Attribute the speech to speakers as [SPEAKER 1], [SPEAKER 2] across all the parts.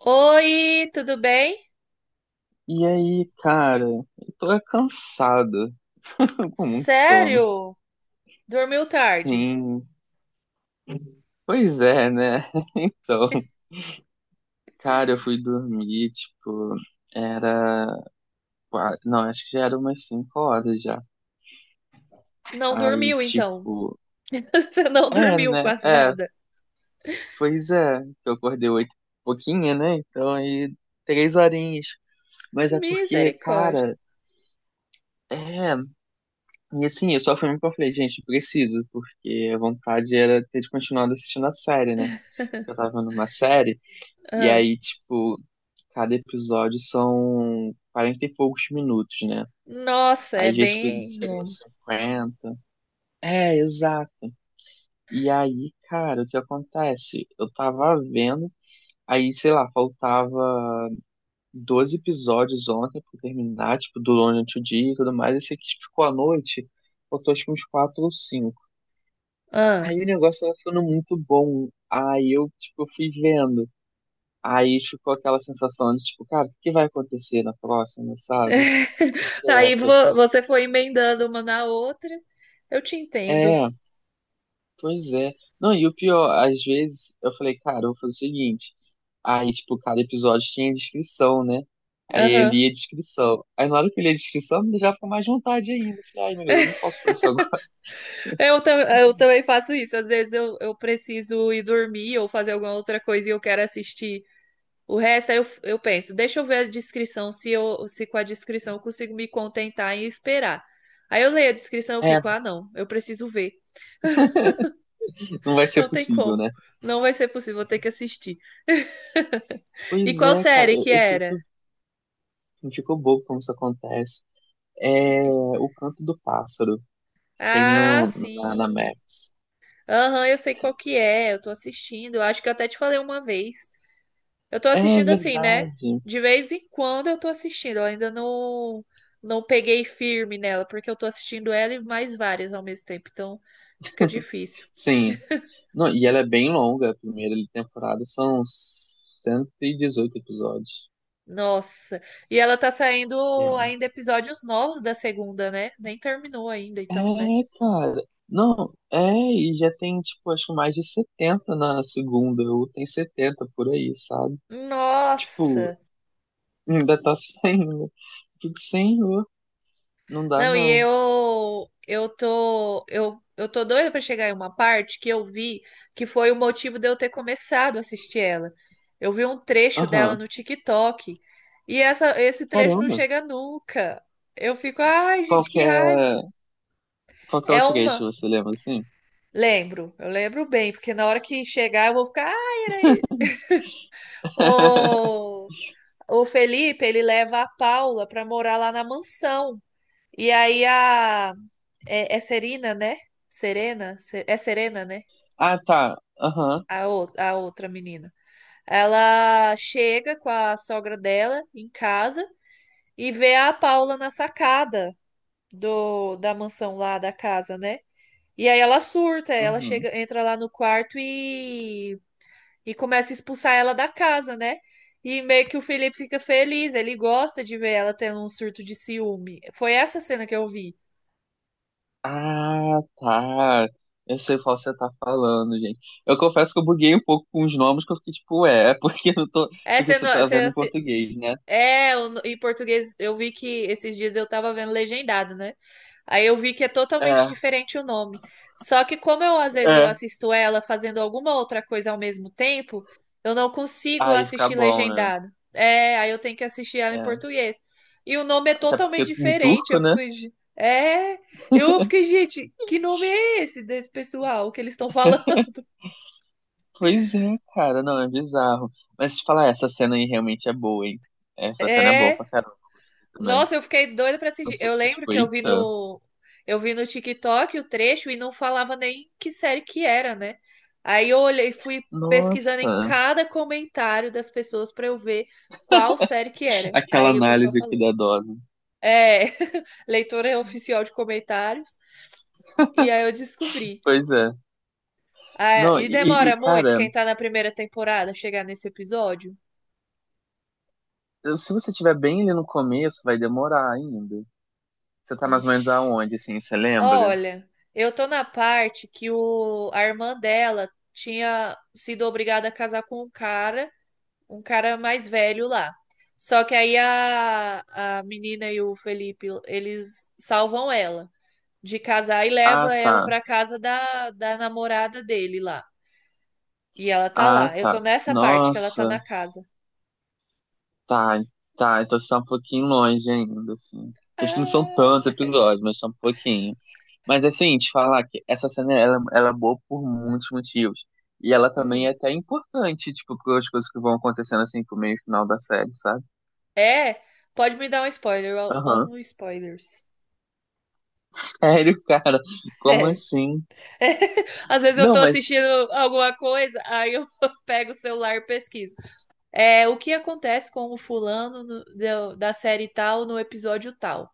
[SPEAKER 1] Oi, tudo bem?
[SPEAKER 2] E aí, cara, eu tô é cansado, com muito sono.
[SPEAKER 1] Sério? Dormiu tarde?
[SPEAKER 2] Sim, pois é, né? Então, cara, eu fui dormir, tipo, era. Não, acho que já era umas 5 horas já.
[SPEAKER 1] Não
[SPEAKER 2] Aí,
[SPEAKER 1] dormiu, então.
[SPEAKER 2] tipo,
[SPEAKER 1] Você não
[SPEAKER 2] é,
[SPEAKER 1] dormiu
[SPEAKER 2] né?
[SPEAKER 1] quase
[SPEAKER 2] É,
[SPEAKER 1] nada.
[SPEAKER 2] pois é, que eu acordei 8 pouquinho, né? Então, aí, 3 horinhas. Mas é porque,
[SPEAKER 1] Misericórdia.
[SPEAKER 2] cara, é. E assim, eu só fui mesmo que eu falei, gente, preciso, porque a vontade era ter continuado assistindo a série, né? Eu tava vendo uma série, e
[SPEAKER 1] Ah,
[SPEAKER 2] aí, tipo, cada episódio são 40 e poucos minutos, né?
[SPEAKER 1] nossa,
[SPEAKER 2] Aí
[SPEAKER 1] é
[SPEAKER 2] às vezes tipo,
[SPEAKER 1] bem
[SPEAKER 2] chega
[SPEAKER 1] longo.
[SPEAKER 2] nos 50. É, exato. E aí, cara, o que acontece? Eu tava vendo, aí, sei lá, faltava 12 episódios ontem pra terminar, tipo, durante o dia e tudo mais, esse aqui ficou à noite, faltou acho que uns 4 ou cinco.
[SPEAKER 1] Ah,
[SPEAKER 2] Aí o negócio tava ficando muito bom. Aí eu, tipo, fui vendo. Aí ficou aquela sensação de, tipo, cara, o que vai acontecer na próxima, sabe?
[SPEAKER 1] Aí
[SPEAKER 2] Direto.
[SPEAKER 1] você foi emendando uma na outra. Eu te entendo.
[SPEAKER 2] É, pois é. Não, e o pior, às vezes eu falei, cara, eu vou fazer o seguinte. Aí, tipo, cada episódio tinha descrição, né? Aí eu
[SPEAKER 1] Aham.
[SPEAKER 2] lia a descrição. Aí na hora que eu li a descrição, me já ficou mais vontade ainda. Eu falei, ai, meu Deus, eu não posso fazer isso agora.
[SPEAKER 1] Eu também faço isso. Às vezes eu preciso ir dormir ou fazer alguma outra coisa e eu quero assistir. O resto aí eu penso, deixa eu ver a descrição, se com a descrição eu consigo me contentar e esperar. Aí eu leio a descrição, eu
[SPEAKER 2] É,
[SPEAKER 1] fico, ah, não, eu preciso ver.
[SPEAKER 2] não vai ser
[SPEAKER 1] Não tem
[SPEAKER 2] possível,
[SPEAKER 1] como.
[SPEAKER 2] né?
[SPEAKER 1] Não vai ser possível, vou ter que assistir. E
[SPEAKER 2] Pois
[SPEAKER 1] qual
[SPEAKER 2] é, cara,
[SPEAKER 1] série
[SPEAKER 2] eu,
[SPEAKER 1] que
[SPEAKER 2] eu
[SPEAKER 1] era?
[SPEAKER 2] fico, eu fico bobo como isso acontece. É o Canto do Pássaro, que tem
[SPEAKER 1] Ah,
[SPEAKER 2] no, na
[SPEAKER 1] sim.
[SPEAKER 2] Max.
[SPEAKER 1] Aham, eu sei qual que é, eu tô assistindo. Eu acho que eu até te falei uma vez. Eu tô
[SPEAKER 2] É
[SPEAKER 1] assistindo assim, né?
[SPEAKER 2] verdade.
[SPEAKER 1] De vez em quando eu tô assistindo. Eu ainda não peguei firme nela, porque eu tô assistindo ela e mais várias ao mesmo tempo, então fica difícil.
[SPEAKER 2] Sim. Não, e ela é bem longa, a primeira temporada são 118 episódios.
[SPEAKER 1] Nossa. E ela tá
[SPEAKER 2] É,
[SPEAKER 1] saindo ainda episódios novos da segunda, né? Nem terminou ainda, então, né?
[SPEAKER 2] é cara. Não, é, e já tem, tipo, acho que mais de 70 na segunda, ou tem 70 por aí, sabe? Tipo,
[SPEAKER 1] Nossa.
[SPEAKER 2] ainda tá sem, né? Fico, senhor, não dá
[SPEAKER 1] Não, e
[SPEAKER 2] não.
[SPEAKER 1] eu tô doida pra chegar em uma parte que eu vi que foi o motivo de eu ter começado a assistir ela. Eu vi um trecho dela
[SPEAKER 2] Aham,
[SPEAKER 1] no TikTok e essa esse trecho não
[SPEAKER 2] caramba.
[SPEAKER 1] chega nunca. Eu fico, ai,
[SPEAKER 2] Qual
[SPEAKER 1] gente,
[SPEAKER 2] que
[SPEAKER 1] que
[SPEAKER 2] é,
[SPEAKER 1] raiva.
[SPEAKER 2] qual que é o
[SPEAKER 1] É
[SPEAKER 2] trecho,
[SPEAKER 1] uma.
[SPEAKER 2] você lembra assim?
[SPEAKER 1] Lembro, eu lembro bem, porque na hora que chegar eu vou ficar, ai, era esse. Ô, o Felipe, ele leva a Paula para morar lá na mansão. E aí a é, é Serena, né? Serena, é Serena, né?
[SPEAKER 2] Ah, tá. Aham.
[SPEAKER 1] A outra menina. Ela chega com a sogra dela em casa e vê a Paula na sacada do da mansão lá da casa, né? E aí ela surta, ela
[SPEAKER 2] Uhum.
[SPEAKER 1] chega, entra lá no quarto e começa a expulsar ela da casa, né? E meio que o Felipe fica feliz, ele gosta de ver ela tendo um surto de ciúme. Foi essa cena que eu vi.
[SPEAKER 2] Ah, tá. Eu sei qual você tá falando, gente. Eu confesso que eu buguei um pouco com os nomes, que eu fiquei tipo, é, porque eu não tô.
[SPEAKER 1] É,
[SPEAKER 2] Porque
[SPEAKER 1] você,
[SPEAKER 2] você
[SPEAKER 1] não-
[SPEAKER 2] tá vendo em
[SPEAKER 1] você,
[SPEAKER 2] português, né?
[SPEAKER 1] é, em português eu vi que esses dias eu tava vendo legendado, né? Aí eu vi que é totalmente
[SPEAKER 2] É,
[SPEAKER 1] diferente o nome. Só que como eu às vezes eu
[SPEAKER 2] é.
[SPEAKER 1] assisto ela fazendo alguma outra coisa ao mesmo tempo, eu não consigo
[SPEAKER 2] Aí fica
[SPEAKER 1] assistir
[SPEAKER 2] bom, né?
[SPEAKER 1] legendado. É, aí eu tenho que assistir ela em
[SPEAKER 2] É.
[SPEAKER 1] português. E o nome é
[SPEAKER 2] Até
[SPEAKER 1] totalmente
[SPEAKER 2] porque em
[SPEAKER 1] diferente.
[SPEAKER 2] turco,
[SPEAKER 1] Eu
[SPEAKER 2] né?
[SPEAKER 1] fico, é," eu fiquei, gente, que nome é esse desse pessoal que eles estão falando?
[SPEAKER 2] Pois é, cara, não, é bizarro. Mas te falar, essa cena aí realmente é boa, hein? Essa cena é boa pra
[SPEAKER 1] É?
[SPEAKER 2] caramba, eu gostei também.
[SPEAKER 1] Nossa, eu fiquei doida pra assistir.
[SPEAKER 2] Você
[SPEAKER 1] Eu
[SPEAKER 2] fica
[SPEAKER 1] lembro
[SPEAKER 2] tipo,
[SPEAKER 1] que
[SPEAKER 2] eita,
[SPEAKER 1] eu vi no TikTok o trecho e não falava nem que série que era, né? Aí eu olhei, fui pesquisando em
[SPEAKER 2] nossa,
[SPEAKER 1] cada comentário das pessoas pra eu ver qual série que era.
[SPEAKER 2] aquela
[SPEAKER 1] Aí o pessoal
[SPEAKER 2] análise
[SPEAKER 1] falou:
[SPEAKER 2] cuidadosa.
[SPEAKER 1] "É, leitora oficial de comentários". E aí eu descobri.
[SPEAKER 2] Pois é.
[SPEAKER 1] Ah,
[SPEAKER 2] Não,
[SPEAKER 1] e
[SPEAKER 2] e,
[SPEAKER 1] demora muito
[SPEAKER 2] cara,
[SPEAKER 1] quem tá na primeira temporada chegar nesse episódio?
[SPEAKER 2] se você tiver bem ali no começo, vai demorar ainda. Você tá mais ou menos
[SPEAKER 1] Ixi.
[SPEAKER 2] aonde, assim, você lembra?
[SPEAKER 1] Olha, eu tô na parte que o, a irmã dela tinha sido obrigada a casar com um cara mais velho lá. Só que aí a menina e o Felipe, eles salvam ela de casar e
[SPEAKER 2] Ah,
[SPEAKER 1] leva ela
[SPEAKER 2] tá.
[SPEAKER 1] pra casa da, da namorada dele lá. E ela tá
[SPEAKER 2] Ah,
[SPEAKER 1] lá. Eu
[SPEAKER 2] tá.
[SPEAKER 1] tô nessa parte que ela tá
[SPEAKER 2] Nossa,
[SPEAKER 1] na casa.
[SPEAKER 2] tá. Tá, então você tá um pouquinho longe ainda, assim. Acho que não são tantos
[SPEAKER 1] Ah,
[SPEAKER 2] episódios, mas são um pouquinho. Mas, assim, te falar que essa cena, ela é boa por muitos motivos. E ela também
[SPEAKER 1] hum.
[SPEAKER 2] é até importante, tipo, para as coisas que vão acontecendo, assim, pro meio e final da série, sabe?
[SPEAKER 1] É, pode me dar um spoiler. Eu
[SPEAKER 2] Aham.
[SPEAKER 1] amo spoilers.
[SPEAKER 2] Sério, cara? Como assim?
[SPEAKER 1] Às vezes eu
[SPEAKER 2] Não,
[SPEAKER 1] tô
[SPEAKER 2] mas
[SPEAKER 1] assistindo alguma coisa, aí eu pego o celular e pesquiso. É, o que acontece com o fulano da série tal no episódio tal?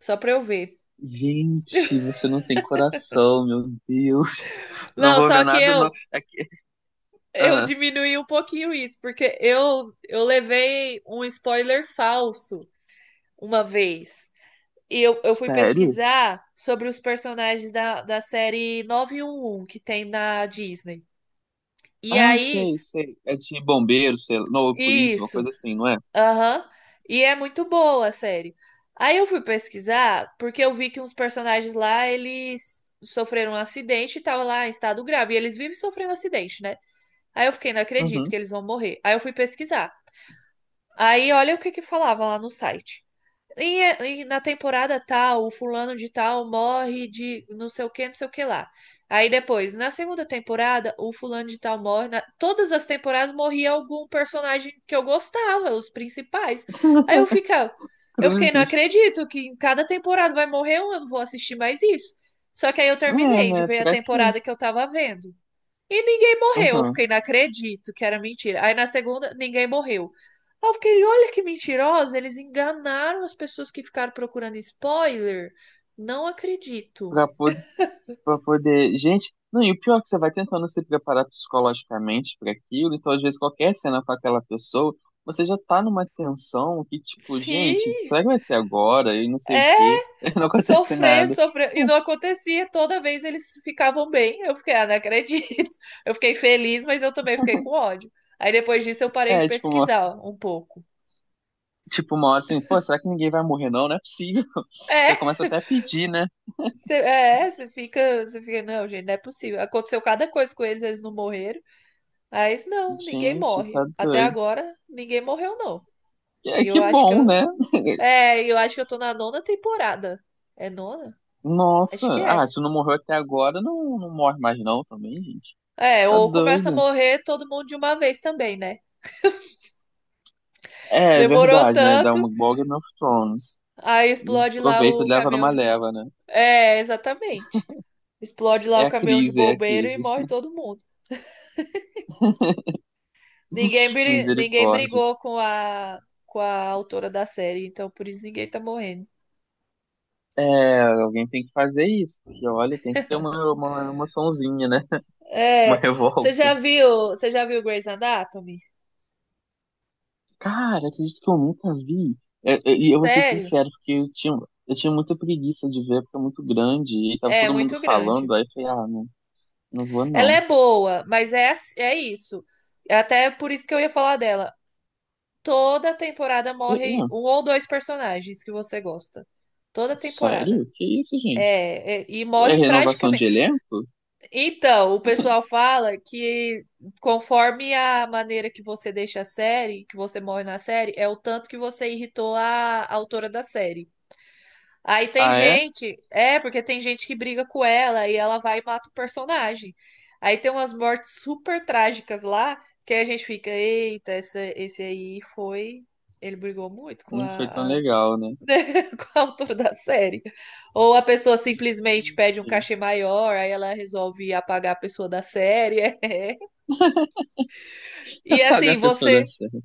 [SPEAKER 1] Só pra eu ver.
[SPEAKER 2] gente, você não tem coração, meu Deus. Não
[SPEAKER 1] Não,
[SPEAKER 2] vou
[SPEAKER 1] só
[SPEAKER 2] ver
[SPEAKER 1] que
[SPEAKER 2] nada. Não.
[SPEAKER 1] eu
[SPEAKER 2] Aqui,
[SPEAKER 1] eu
[SPEAKER 2] ah,
[SPEAKER 1] diminuí um pouquinho isso, porque eu levei um spoiler falso uma vez. E eu fui
[SPEAKER 2] sério?
[SPEAKER 1] pesquisar sobre os personagens da, da série 911 que tem na Disney. E
[SPEAKER 2] Ah,
[SPEAKER 1] aí,
[SPEAKER 2] sei, sei. É de bombeiro, sei lá. Não, polícia, uma
[SPEAKER 1] isso.
[SPEAKER 2] coisa assim, não é?
[SPEAKER 1] Aham. E é muito boa a série. Aí eu fui pesquisar, porque eu vi que uns personagens lá, eles sofreram um acidente e tava lá em estado grave. E eles vivem sofrendo acidente, né? Aí eu fiquei, não acredito
[SPEAKER 2] Uhum.
[SPEAKER 1] que eles vão morrer. Aí eu fui pesquisar. Aí olha o que que falava lá no site. E na temporada tal, o fulano de tal morre de não sei o que, não sei o que lá. Aí depois, na segunda temporada, o fulano de tal morre. Todas as temporadas morria algum personagem que eu gostava, os principais. Aí eu fiquei, não
[SPEAKER 2] Cruzes.
[SPEAKER 1] acredito que em cada temporada vai morrer um, eu não vou assistir mais isso. Só que aí eu
[SPEAKER 2] É,
[SPEAKER 1] terminei de
[SPEAKER 2] né?
[SPEAKER 1] ver a
[SPEAKER 2] Pra quê?
[SPEAKER 1] temporada que eu tava vendo. E ninguém morreu. Eu
[SPEAKER 2] Uhum.
[SPEAKER 1] fiquei, não acredito que era mentira. Aí na segunda, ninguém morreu. Aí eu fiquei, olha que mentirosa, eles enganaram as pessoas que ficaram procurando spoiler. Não acredito.
[SPEAKER 2] Pra, pod- pra poder. Gente, não, e o pior é que você vai tentando se preparar psicologicamente pra aquilo, então às vezes qualquer cena com aquela pessoa, você já tá numa tensão que, tipo,
[SPEAKER 1] Sim,
[SPEAKER 2] gente, será que vai ser agora? E não sei o
[SPEAKER 1] é,
[SPEAKER 2] quê. Não acontece
[SPEAKER 1] sofrendo,
[SPEAKER 2] nada.
[SPEAKER 1] sofrendo, e não acontecia. Toda vez eles ficavam bem. Eu fiquei, ah, não acredito. Eu fiquei feliz, mas eu também fiquei com ódio. Aí depois disso eu parei de
[SPEAKER 2] É, tipo, uma
[SPEAKER 1] pesquisar um pouco.
[SPEAKER 2] tipo, uma hora assim, pô, será que ninguém vai morrer não? Não é possível. Você
[SPEAKER 1] É,
[SPEAKER 2] começa até a pedir, né?
[SPEAKER 1] você, é, você fica, não, gente, não é possível. Aconteceu cada coisa com eles, eles não morreram. Mas não, ninguém
[SPEAKER 2] Gente,
[SPEAKER 1] morre.
[SPEAKER 2] tá
[SPEAKER 1] Até
[SPEAKER 2] doido.
[SPEAKER 1] agora, ninguém morreu, não.
[SPEAKER 2] É
[SPEAKER 1] E
[SPEAKER 2] que
[SPEAKER 1] eu acho que
[SPEAKER 2] bom,
[SPEAKER 1] eu.
[SPEAKER 2] né?
[SPEAKER 1] É, eu acho que eu tô na nona temporada. É nona?
[SPEAKER 2] Nossa,
[SPEAKER 1] Acho que
[SPEAKER 2] ah,
[SPEAKER 1] é.
[SPEAKER 2] se não morreu até agora, não, não morre mais não também, gente.
[SPEAKER 1] É,
[SPEAKER 2] Tá
[SPEAKER 1] ou começa a
[SPEAKER 2] doido.
[SPEAKER 1] morrer todo mundo de uma vez também, né?
[SPEAKER 2] É, é
[SPEAKER 1] Demorou
[SPEAKER 2] verdade, né? Dá
[SPEAKER 1] tanto,
[SPEAKER 2] uma igual Game of Thrones.
[SPEAKER 1] aí explode lá
[SPEAKER 2] Aproveita e
[SPEAKER 1] o
[SPEAKER 2] leva
[SPEAKER 1] caminhão
[SPEAKER 2] numa
[SPEAKER 1] de. bo-
[SPEAKER 2] leva, né?
[SPEAKER 1] É, exatamente. Explode lá
[SPEAKER 2] É
[SPEAKER 1] o
[SPEAKER 2] a
[SPEAKER 1] caminhão de
[SPEAKER 2] crise, é a
[SPEAKER 1] bombeiro e
[SPEAKER 2] crise.
[SPEAKER 1] morre todo mundo. Ninguém
[SPEAKER 2] Misericórdia.
[SPEAKER 1] brigou com a autora da série, então por isso ninguém tá morrendo.
[SPEAKER 2] É, alguém tem que fazer isso, porque olha, tem que ter uma emoçãozinha, né? Uma
[SPEAKER 1] É, você
[SPEAKER 2] revolta.
[SPEAKER 1] já viu, você já viu Grey's Anatomy?
[SPEAKER 2] Cara, acredito que eu nunca vi. É, é, e eu vou ser
[SPEAKER 1] Sério?
[SPEAKER 2] sincero, porque eu tinha muita preguiça de ver, porque é muito grande, e tava
[SPEAKER 1] É
[SPEAKER 2] todo mundo
[SPEAKER 1] muito grande.
[SPEAKER 2] falando, aí eu falei, ah, não, não vou
[SPEAKER 1] Ela
[SPEAKER 2] não.
[SPEAKER 1] é boa, mas é, é isso. É até por isso que eu ia falar dela. Toda temporada
[SPEAKER 2] É,
[SPEAKER 1] morre
[SPEAKER 2] é,
[SPEAKER 1] um ou dois personagens que você gosta. Toda temporada.
[SPEAKER 2] sério? Que isso, gente?
[SPEAKER 1] É, é, e
[SPEAKER 2] É
[SPEAKER 1] morre
[SPEAKER 2] renovação de
[SPEAKER 1] tragicamente.
[SPEAKER 2] elenco?
[SPEAKER 1] Então, o pessoal fala que conforme a maneira que você deixa a série, que você morre na série, é o tanto que você irritou a autora da série. Aí tem
[SPEAKER 2] Ah, é?
[SPEAKER 1] gente, é, porque tem gente que briga com ela e ela vai e mata o personagem. Aí tem umas mortes super trágicas lá, que aí a gente fica, eita, essa, esse aí foi. Ele brigou muito com
[SPEAKER 2] Não foi tão
[SPEAKER 1] a-
[SPEAKER 2] legal, né?
[SPEAKER 1] com a autora da série. Ou a pessoa simplesmente pede um
[SPEAKER 2] Gente,
[SPEAKER 1] cachê maior, aí ela resolve apagar a pessoa da série. É. E
[SPEAKER 2] apagar
[SPEAKER 1] assim,
[SPEAKER 2] a pessoa da
[SPEAKER 1] você.
[SPEAKER 2] série.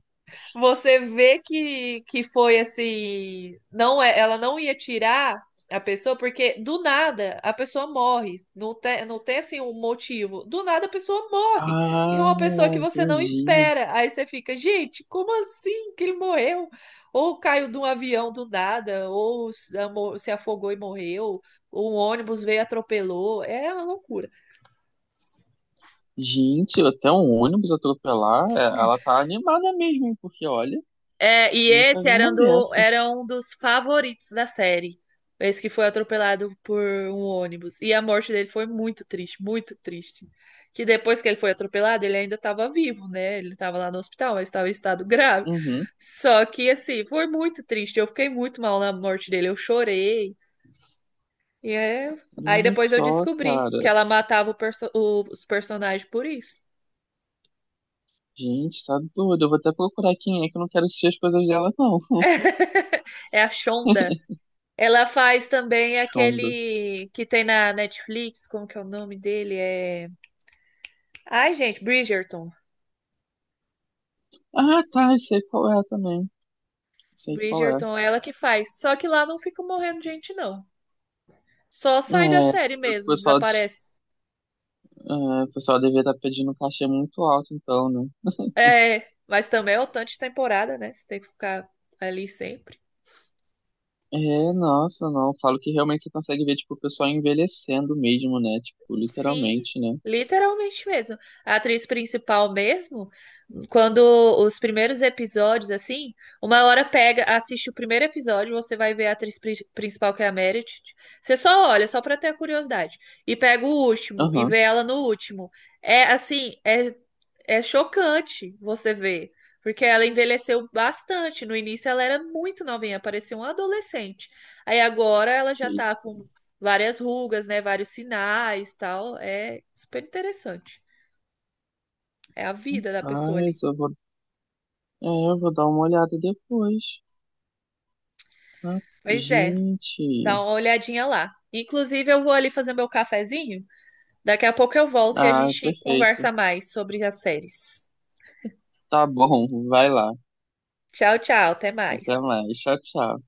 [SPEAKER 1] Você vê que foi assim, não é, ela não ia tirar a pessoa porque do nada a pessoa morre, não tem, não tem assim um motivo. Do nada a pessoa morre. E é
[SPEAKER 2] Ah,
[SPEAKER 1] uma pessoa que você não
[SPEAKER 2] entendi.
[SPEAKER 1] espera. Aí você fica, gente, como assim que ele morreu? Ou caiu de um avião do nada, ou se afogou e morreu, ou um ônibus veio e atropelou. É uma loucura.
[SPEAKER 2] Gente, até um ônibus atropelar, é, ela tá animada mesmo, hein, porque olha,
[SPEAKER 1] É, e
[SPEAKER 2] nunca
[SPEAKER 1] esse
[SPEAKER 2] vi
[SPEAKER 1] era um,
[SPEAKER 2] uma dessa.
[SPEAKER 1] era um dos favoritos da série. Esse que foi atropelado por um ônibus. E a morte dele foi muito triste, muito triste. Que depois que ele foi atropelado, ele ainda estava vivo, né? Ele estava lá no hospital, mas estava em estado grave.
[SPEAKER 2] Uhum.
[SPEAKER 1] Só que, assim, foi muito triste. Eu fiquei muito mal na morte dele. Eu chorei. E é... aí
[SPEAKER 2] Olha
[SPEAKER 1] depois eu
[SPEAKER 2] só,
[SPEAKER 1] descobri que
[SPEAKER 2] cara.
[SPEAKER 1] ela matava os personagens por isso.
[SPEAKER 2] Gente, tá doido. Eu vou até procurar quem é que eu não quero assistir as coisas dela, não.
[SPEAKER 1] É a Shonda. Ela faz também
[SPEAKER 2] Shonda.
[SPEAKER 1] aquele que tem na Netflix, como que é o nome dele? É... Ai, gente, Bridgerton.
[SPEAKER 2] Ah, tá. Eu sei qual é também. Sei qual é.
[SPEAKER 1] Bridgerton, é ela que faz. Só que lá não fica morrendo gente, não. Só
[SPEAKER 2] É,
[SPEAKER 1] sai da
[SPEAKER 2] o
[SPEAKER 1] série mesmo,
[SPEAKER 2] pessoal,
[SPEAKER 1] desaparece.
[SPEAKER 2] é, o pessoal devia estar pedindo um cachê muito alto, então, né?
[SPEAKER 1] É, mas também é o tanto de temporada, né? Você tem que ficar ali sempre.
[SPEAKER 2] É, nossa, não. Eu falo que realmente você consegue ver, tipo, o pessoal envelhecendo mesmo, né? Tipo,
[SPEAKER 1] Sim,
[SPEAKER 2] literalmente, né?
[SPEAKER 1] literalmente mesmo. A atriz principal mesmo, quando os primeiros episódios, assim, uma hora pega, assiste o primeiro episódio, você vai ver a atriz principal, que é a Meredith. Você só olha, só pra ter a curiosidade. E pega o último e
[SPEAKER 2] Aham.
[SPEAKER 1] vê ela no último. É assim, é chocante você ver, porque ela envelheceu bastante. No início ela era muito novinha, parecia uma adolescente. Aí agora ela já
[SPEAKER 2] Que
[SPEAKER 1] tá com várias rugas, né, vários sinais, tal. É super interessante. É a vida da pessoa ali.
[SPEAKER 2] paz, eu vou. É, eu vou dar uma olhada depois. Ah,
[SPEAKER 1] Pois é, dá
[SPEAKER 2] gente.
[SPEAKER 1] uma olhadinha lá. Inclusive eu vou ali fazer meu cafezinho. Daqui a pouco eu volto e a
[SPEAKER 2] Ah,
[SPEAKER 1] gente
[SPEAKER 2] perfeito.
[SPEAKER 1] conversa mais sobre as séries.
[SPEAKER 2] Tá bom, vai lá.
[SPEAKER 1] Tchau, tchau, até
[SPEAKER 2] Até
[SPEAKER 1] mais.
[SPEAKER 2] mais. Tchau, tchau.